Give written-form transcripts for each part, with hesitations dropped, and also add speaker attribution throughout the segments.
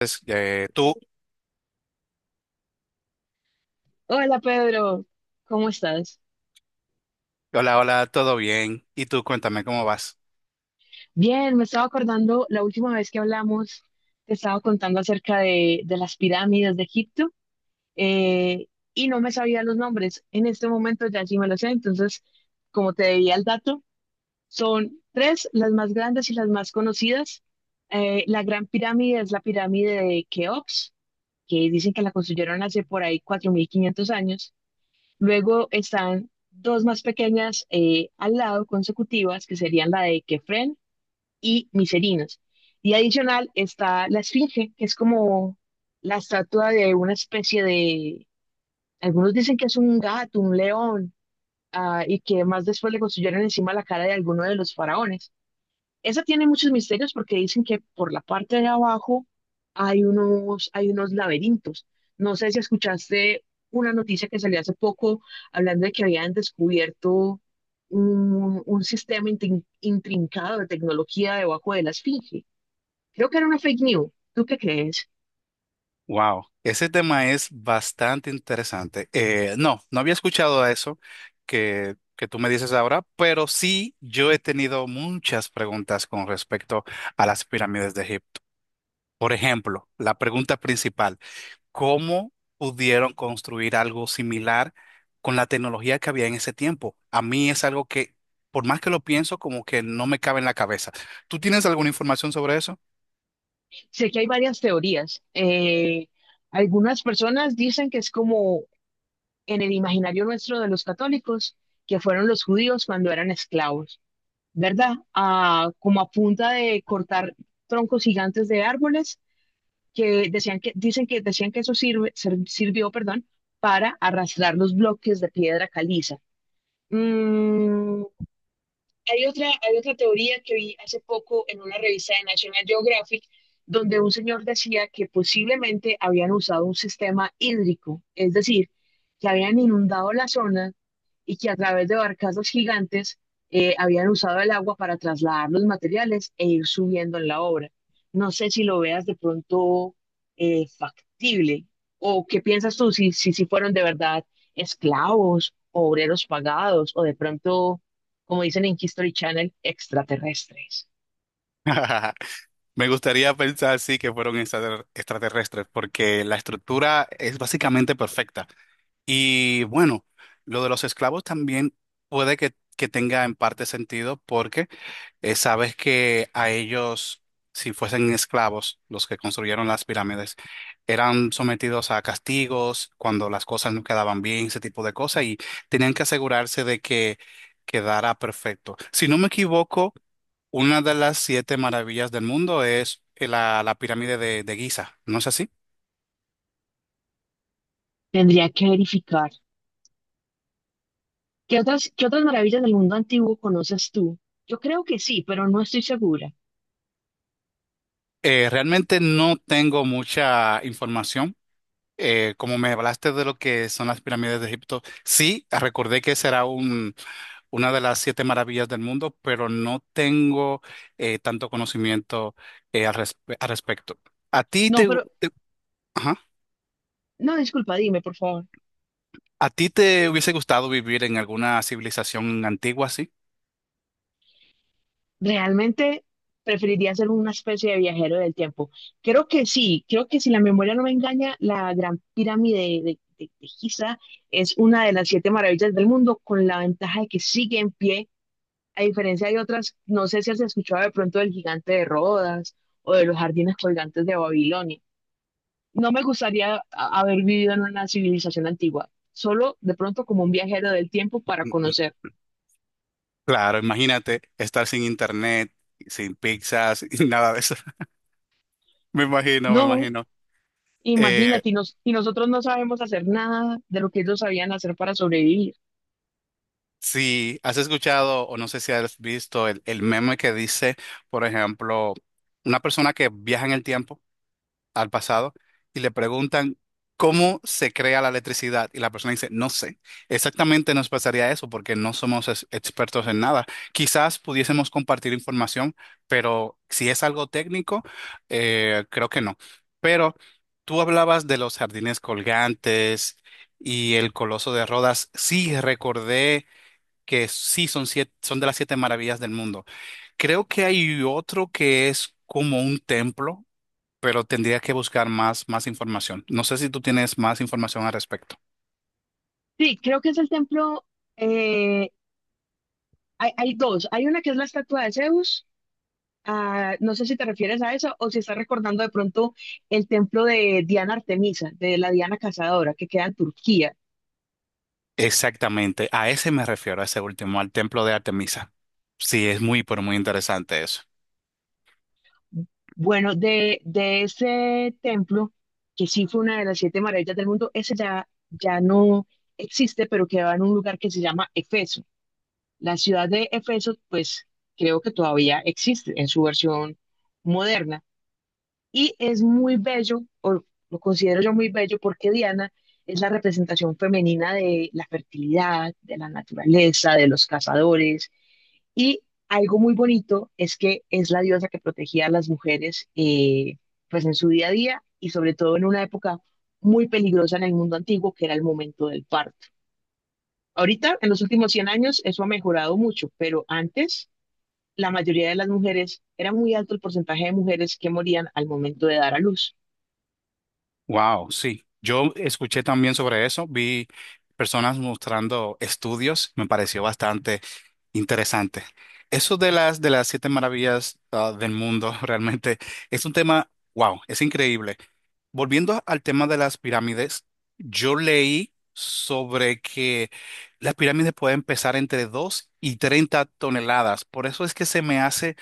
Speaker 1: Entonces, tú,
Speaker 2: Hola Pedro, ¿cómo estás?
Speaker 1: hola, hola, todo bien. Y tú, cuéntame cómo vas.
Speaker 2: Bien, me estaba acordando la última vez que hablamos, te estaba contando acerca de las pirámides de Egipto eh, y no me sabía los nombres. En este momento ya sí me los sé, entonces, como te debía el dato, son tres las más grandes y las más conocidas. La Gran Pirámide es la pirámide de Keops, que dicen que la construyeron hace por ahí 4.500 años. Luego están dos más pequeñas, al lado consecutivas, que serían la de Kefren y Miserinos. Y adicional está la Esfinge, que es como la estatua de una especie de, algunos dicen que es un gato, un león, ah, y que más después le construyeron encima la cara de alguno de los faraones. Esa tiene muchos misterios porque dicen que por la parte de abajo hay unos laberintos. No sé si escuchaste una noticia que salió hace poco hablando de que habían descubierto un sistema intrincado de tecnología debajo de la esfinge. Creo que era una fake news. ¿Tú qué crees?
Speaker 1: Wow, ese tema es bastante interesante. No, no había escuchado eso que tú me dices ahora, pero sí yo he tenido muchas preguntas con respecto a las pirámides de Egipto. Por ejemplo, la pregunta principal, ¿cómo pudieron construir algo similar con la tecnología que había en ese tiempo? A mí es algo que, por más que lo pienso, como que no me cabe en la cabeza. ¿Tú tienes alguna información sobre eso?
Speaker 2: Sé que hay varias teorías. Algunas personas dicen que es como en el imaginario nuestro de los católicos, que fueron los judíos cuando eran esclavos, ¿verdad? Ah, como a punta de cortar troncos gigantes de árboles que decían que, dicen que decían que eso sirvió, perdón, para arrastrar los bloques de piedra caliza. Mm, hay otra teoría que vi hace poco en una revista de National Geographic, donde un señor decía que posiblemente habían usado un sistema hídrico, es decir, que habían inundado la zona y que a través de barcazas gigantes, habían usado el agua para trasladar los materiales e ir subiendo en la obra. No sé si lo veas de pronto, factible o qué piensas tú si fueron de verdad esclavos, obreros pagados o de pronto, como dicen en History Channel, extraterrestres.
Speaker 1: Me gustaría pensar, sí, que fueron extraterrestres, porque la estructura es básicamente perfecta. Y bueno, lo de los esclavos también puede que tenga en parte sentido, porque sabes que a ellos, si fuesen esclavos, los que construyeron las pirámides, eran sometidos a castigos cuando las cosas no quedaban bien, ese tipo de cosas, y tenían que asegurarse de que quedara perfecto. Si no me equivoco, una de las siete maravillas del mundo es la pirámide de Giza, ¿no es así?
Speaker 2: Tendría que verificar. ¿Qué otras maravillas del mundo antiguo conoces tú? Yo creo que sí, pero no estoy segura.
Speaker 1: Realmente no tengo mucha información. Como me hablaste de lo que son las pirámides de Egipto, sí, recordé que será una de las siete maravillas del mundo, pero no tengo tanto conocimiento al respecto. ¿A ti
Speaker 2: No,
Speaker 1: te,
Speaker 2: pero,
Speaker 1: te- Ajá.
Speaker 2: no, disculpa, dime, por favor.
Speaker 1: ¿A ti te hubiese gustado vivir en alguna civilización antigua así?
Speaker 2: Realmente preferiría ser una especie de viajero del tiempo. Creo que sí, creo que si la memoria no me engaña, la Gran Pirámide de Giza es una de las siete maravillas del mundo, con la ventaja de que sigue en pie, a diferencia de otras, no sé si has escuchado de pronto del gigante de Rodas o de los jardines colgantes de Babilonia. No me gustaría haber vivido en una civilización antigua, solo de pronto como un viajero del tiempo para conocer.
Speaker 1: Claro, imagínate estar sin internet, sin pizzas, y nada de eso. Me imagino, me
Speaker 2: No,
Speaker 1: imagino. Eh,
Speaker 2: imagínate, y nosotros no sabemos hacer nada de lo que ellos sabían hacer para sobrevivir.
Speaker 1: si has escuchado o no sé si has visto el meme que dice, por ejemplo, una persona que viaja en el tiempo al pasado y le preguntan cómo se crea la electricidad y la persona dice, no sé, exactamente nos pasaría eso porque no somos expertos en nada. Quizás pudiésemos compartir información, pero si es algo técnico, creo que no. Pero tú hablabas de los jardines colgantes y el Coloso de Rodas. Sí, recordé que sí son siete, son de las siete maravillas del mundo. Creo que hay otro que es como un templo, pero tendría que buscar más información. No sé si tú tienes más información al respecto.
Speaker 2: Sí, creo que es el templo. eh, hay dos. Hay una que es la estatua de Zeus. Ah, no sé si te refieres a eso o si estás recordando de pronto el templo de Diana Artemisa, de la Diana Cazadora, que queda en Turquía.
Speaker 1: Exactamente, a ese me refiero, a ese último, al templo de Artemisa. Sí, es muy, pero muy interesante eso.
Speaker 2: Bueno, de ese templo, que sí fue una de las siete maravillas del mundo, ese ya no existe, pero quedaba en un lugar que se llama Efeso. La ciudad de Efeso, pues creo que todavía existe en su versión moderna y es muy bello, o lo considero yo muy bello, porque Diana es la representación femenina de la fertilidad, de la naturaleza, de los cazadores y algo muy bonito es que es la diosa que protegía a las mujeres, pues en su día a día y sobre todo en una época muy peligrosa en el mundo antiguo, que era el momento del parto. Ahorita, en los últimos 100 años, eso ha mejorado mucho, pero antes la mayoría de las mujeres, era muy alto el porcentaje de mujeres que morían al momento de dar a luz.
Speaker 1: Wow, sí. Yo escuché también sobre eso, vi personas mostrando estudios, me pareció bastante interesante. Eso de las siete maravillas, ah, del mundo, realmente es un tema, wow, es increíble. Volviendo al tema de las pirámides, yo leí sobre que las pirámides pueden pesar entre 2 y 30 toneladas. Por eso es que se me hace,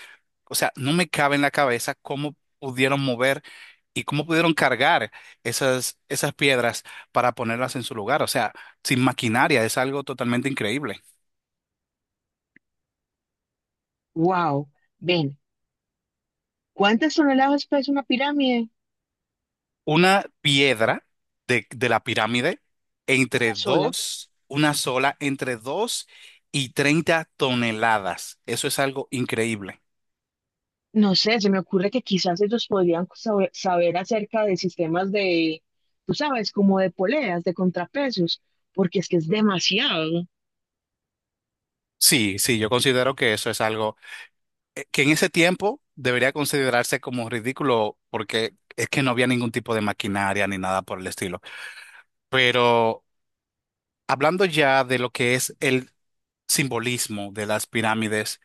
Speaker 1: o sea, no me cabe en la cabeza cómo pudieron mover y cómo pudieron cargar esas piedras para ponerlas en su lugar. O sea, sin maquinaria, es algo totalmente increíble.
Speaker 2: Wow, ven, ¿cuántas toneladas pesa una pirámide?
Speaker 1: Una piedra de la pirámide,
Speaker 2: Una
Speaker 1: entre
Speaker 2: sola.
Speaker 1: dos, una sola, entre 2 y 30 toneladas. Eso es algo increíble.
Speaker 2: No sé, se me ocurre que quizás ellos podrían saber acerca de sistemas de, tú sabes, como de poleas, de contrapesos, porque es que es demasiado.
Speaker 1: Sí, sí, yo considero que eso es algo que en ese tiempo debería considerarse como ridículo porque es que no había ningún tipo de maquinaria ni nada por el estilo. Pero hablando ya de lo que es el simbolismo de las pirámides,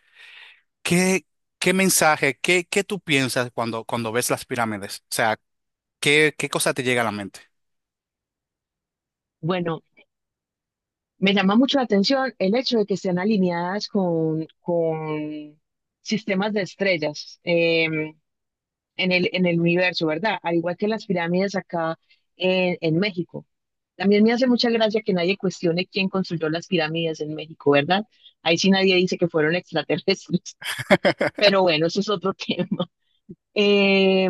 Speaker 1: ¿qué, qué, mensaje, qué tú piensas cuando, cuando ves las pirámides? O sea, ¿Qué cosa te llega a la mente?
Speaker 2: Bueno, me llama mucho la atención el hecho de que estén alineadas con sistemas de estrellas. En el universo, ¿verdad? Al igual que las pirámides acá en México. También me hace mucha gracia que nadie cuestione quién construyó las pirámides en México, ¿verdad? Ahí sí nadie dice que fueron extraterrestres, pero bueno, eso es otro tema. Eh,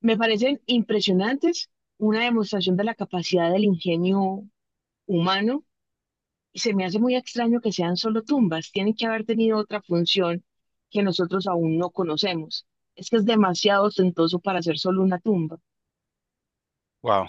Speaker 2: me parecen impresionantes, una demostración de la capacidad del ingenio humano, y se me hace muy extraño que sean solo tumbas, tienen que haber tenido otra función que nosotros aún no conocemos. Es que es demasiado ostentoso para ser solo una tumba.
Speaker 1: Wow.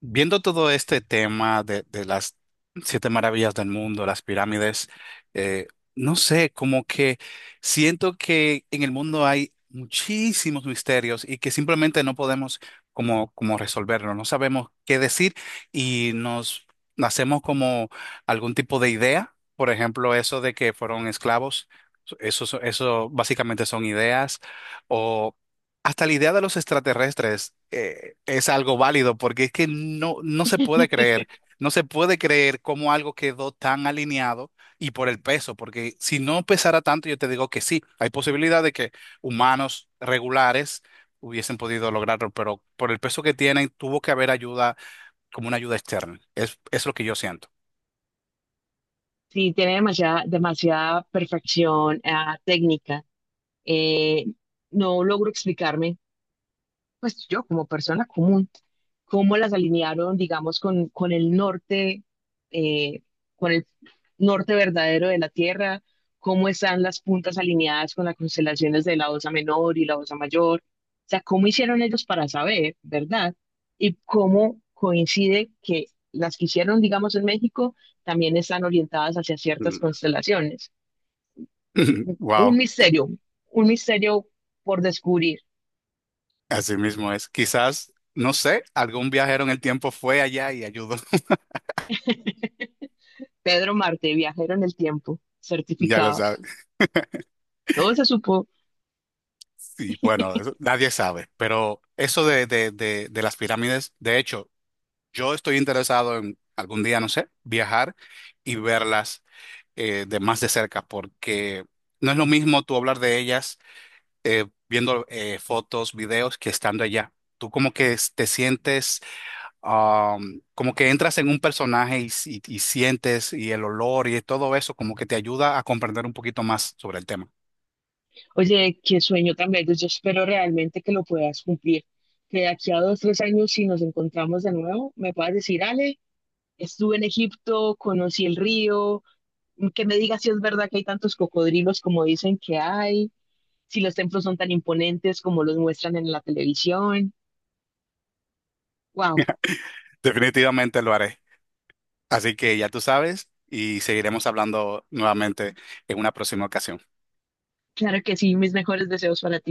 Speaker 1: Viendo todo este tema de las siete maravillas del mundo, las pirámides, eh, no sé, como que siento que en el mundo hay muchísimos misterios y que simplemente no podemos como resolverlo, no sabemos qué decir y nos hacemos como algún tipo de idea, por ejemplo, eso de que fueron esclavos, eso básicamente son ideas, hasta la idea de los extraterrestres, es algo válido porque es que no, no se puede creer, no se puede creer cómo algo quedó tan alineado y por el peso, porque si no pesara tanto, yo te digo que sí, hay posibilidad de que humanos regulares hubiesen podido lograrlo, pero por el peso que tienen, tuvo que haber ayuda como una ayuda externa. Es lo que yo siento.
Speaker 2: Sí, tiene demasiada, demasiada perfección, ah, técnica. Eh, no logro explicarme pues yo como persona común, cómo las alinearon, digamos, con el norte, eh, con el norte verdadero de la Tierra, cómo están las puntas alineadas con las constelaciones de la Osa Menor y la Osa Mayor, o sea, cómo hicieron ellos para saber, ¿verdad? Y cómo coincide que las que hicieron, digamos, en México también están orientadas hacia ciertas constelaciones. Un
Speaker 1: Wow,
Speaker 2: misterio, un misterio por descubrir.
Speaker 1: así mismo es. Quizás, no sé, algún viajero en el tiempo fue allá y ayudó.
Speaker 2: Pedro Marte, viajero en el tiempo,
Speaker 1: Ya lo
Speaker 2: certificado.
Speaker 1: sabes.
Speaker 2: Todo se supo.
Speaker 1: Sí, bueno, eso nadie sabe, pero eso de las pirámides, de hecho, yo estoy interesado en algún día, no sé, viajar y verlas de más de cerca, porque no es lo mismo tú hablar de ellas viendo fotos, videos, que estando allá. Tú como que te sientes, como que entras en un personaje y, y sientes y el olor y todo eso, como que te ayuda a comprender un poquito más sobre el tema.
Speaker 2: Oye, qué sueño tan bello. Yo espero realmente que lo puedas cumplir. Que de aquí a dos, tres años, si nos encontramos de nuevo, me puedas decir, Ale, estuve en Egipto, conocí el río, que me digas si es verdad que hay tantos cocodrilos como dicen que hay, si los templos son tan imponentes como los muestran en la televisión. Wow,
Speaker 1: Definitivamente lo haré. Así que ya tú sabes y seguiremos hablando nuevamente en una próxima ocasión.
Speaker 2: claro que sí, mis mejores deseos para ti.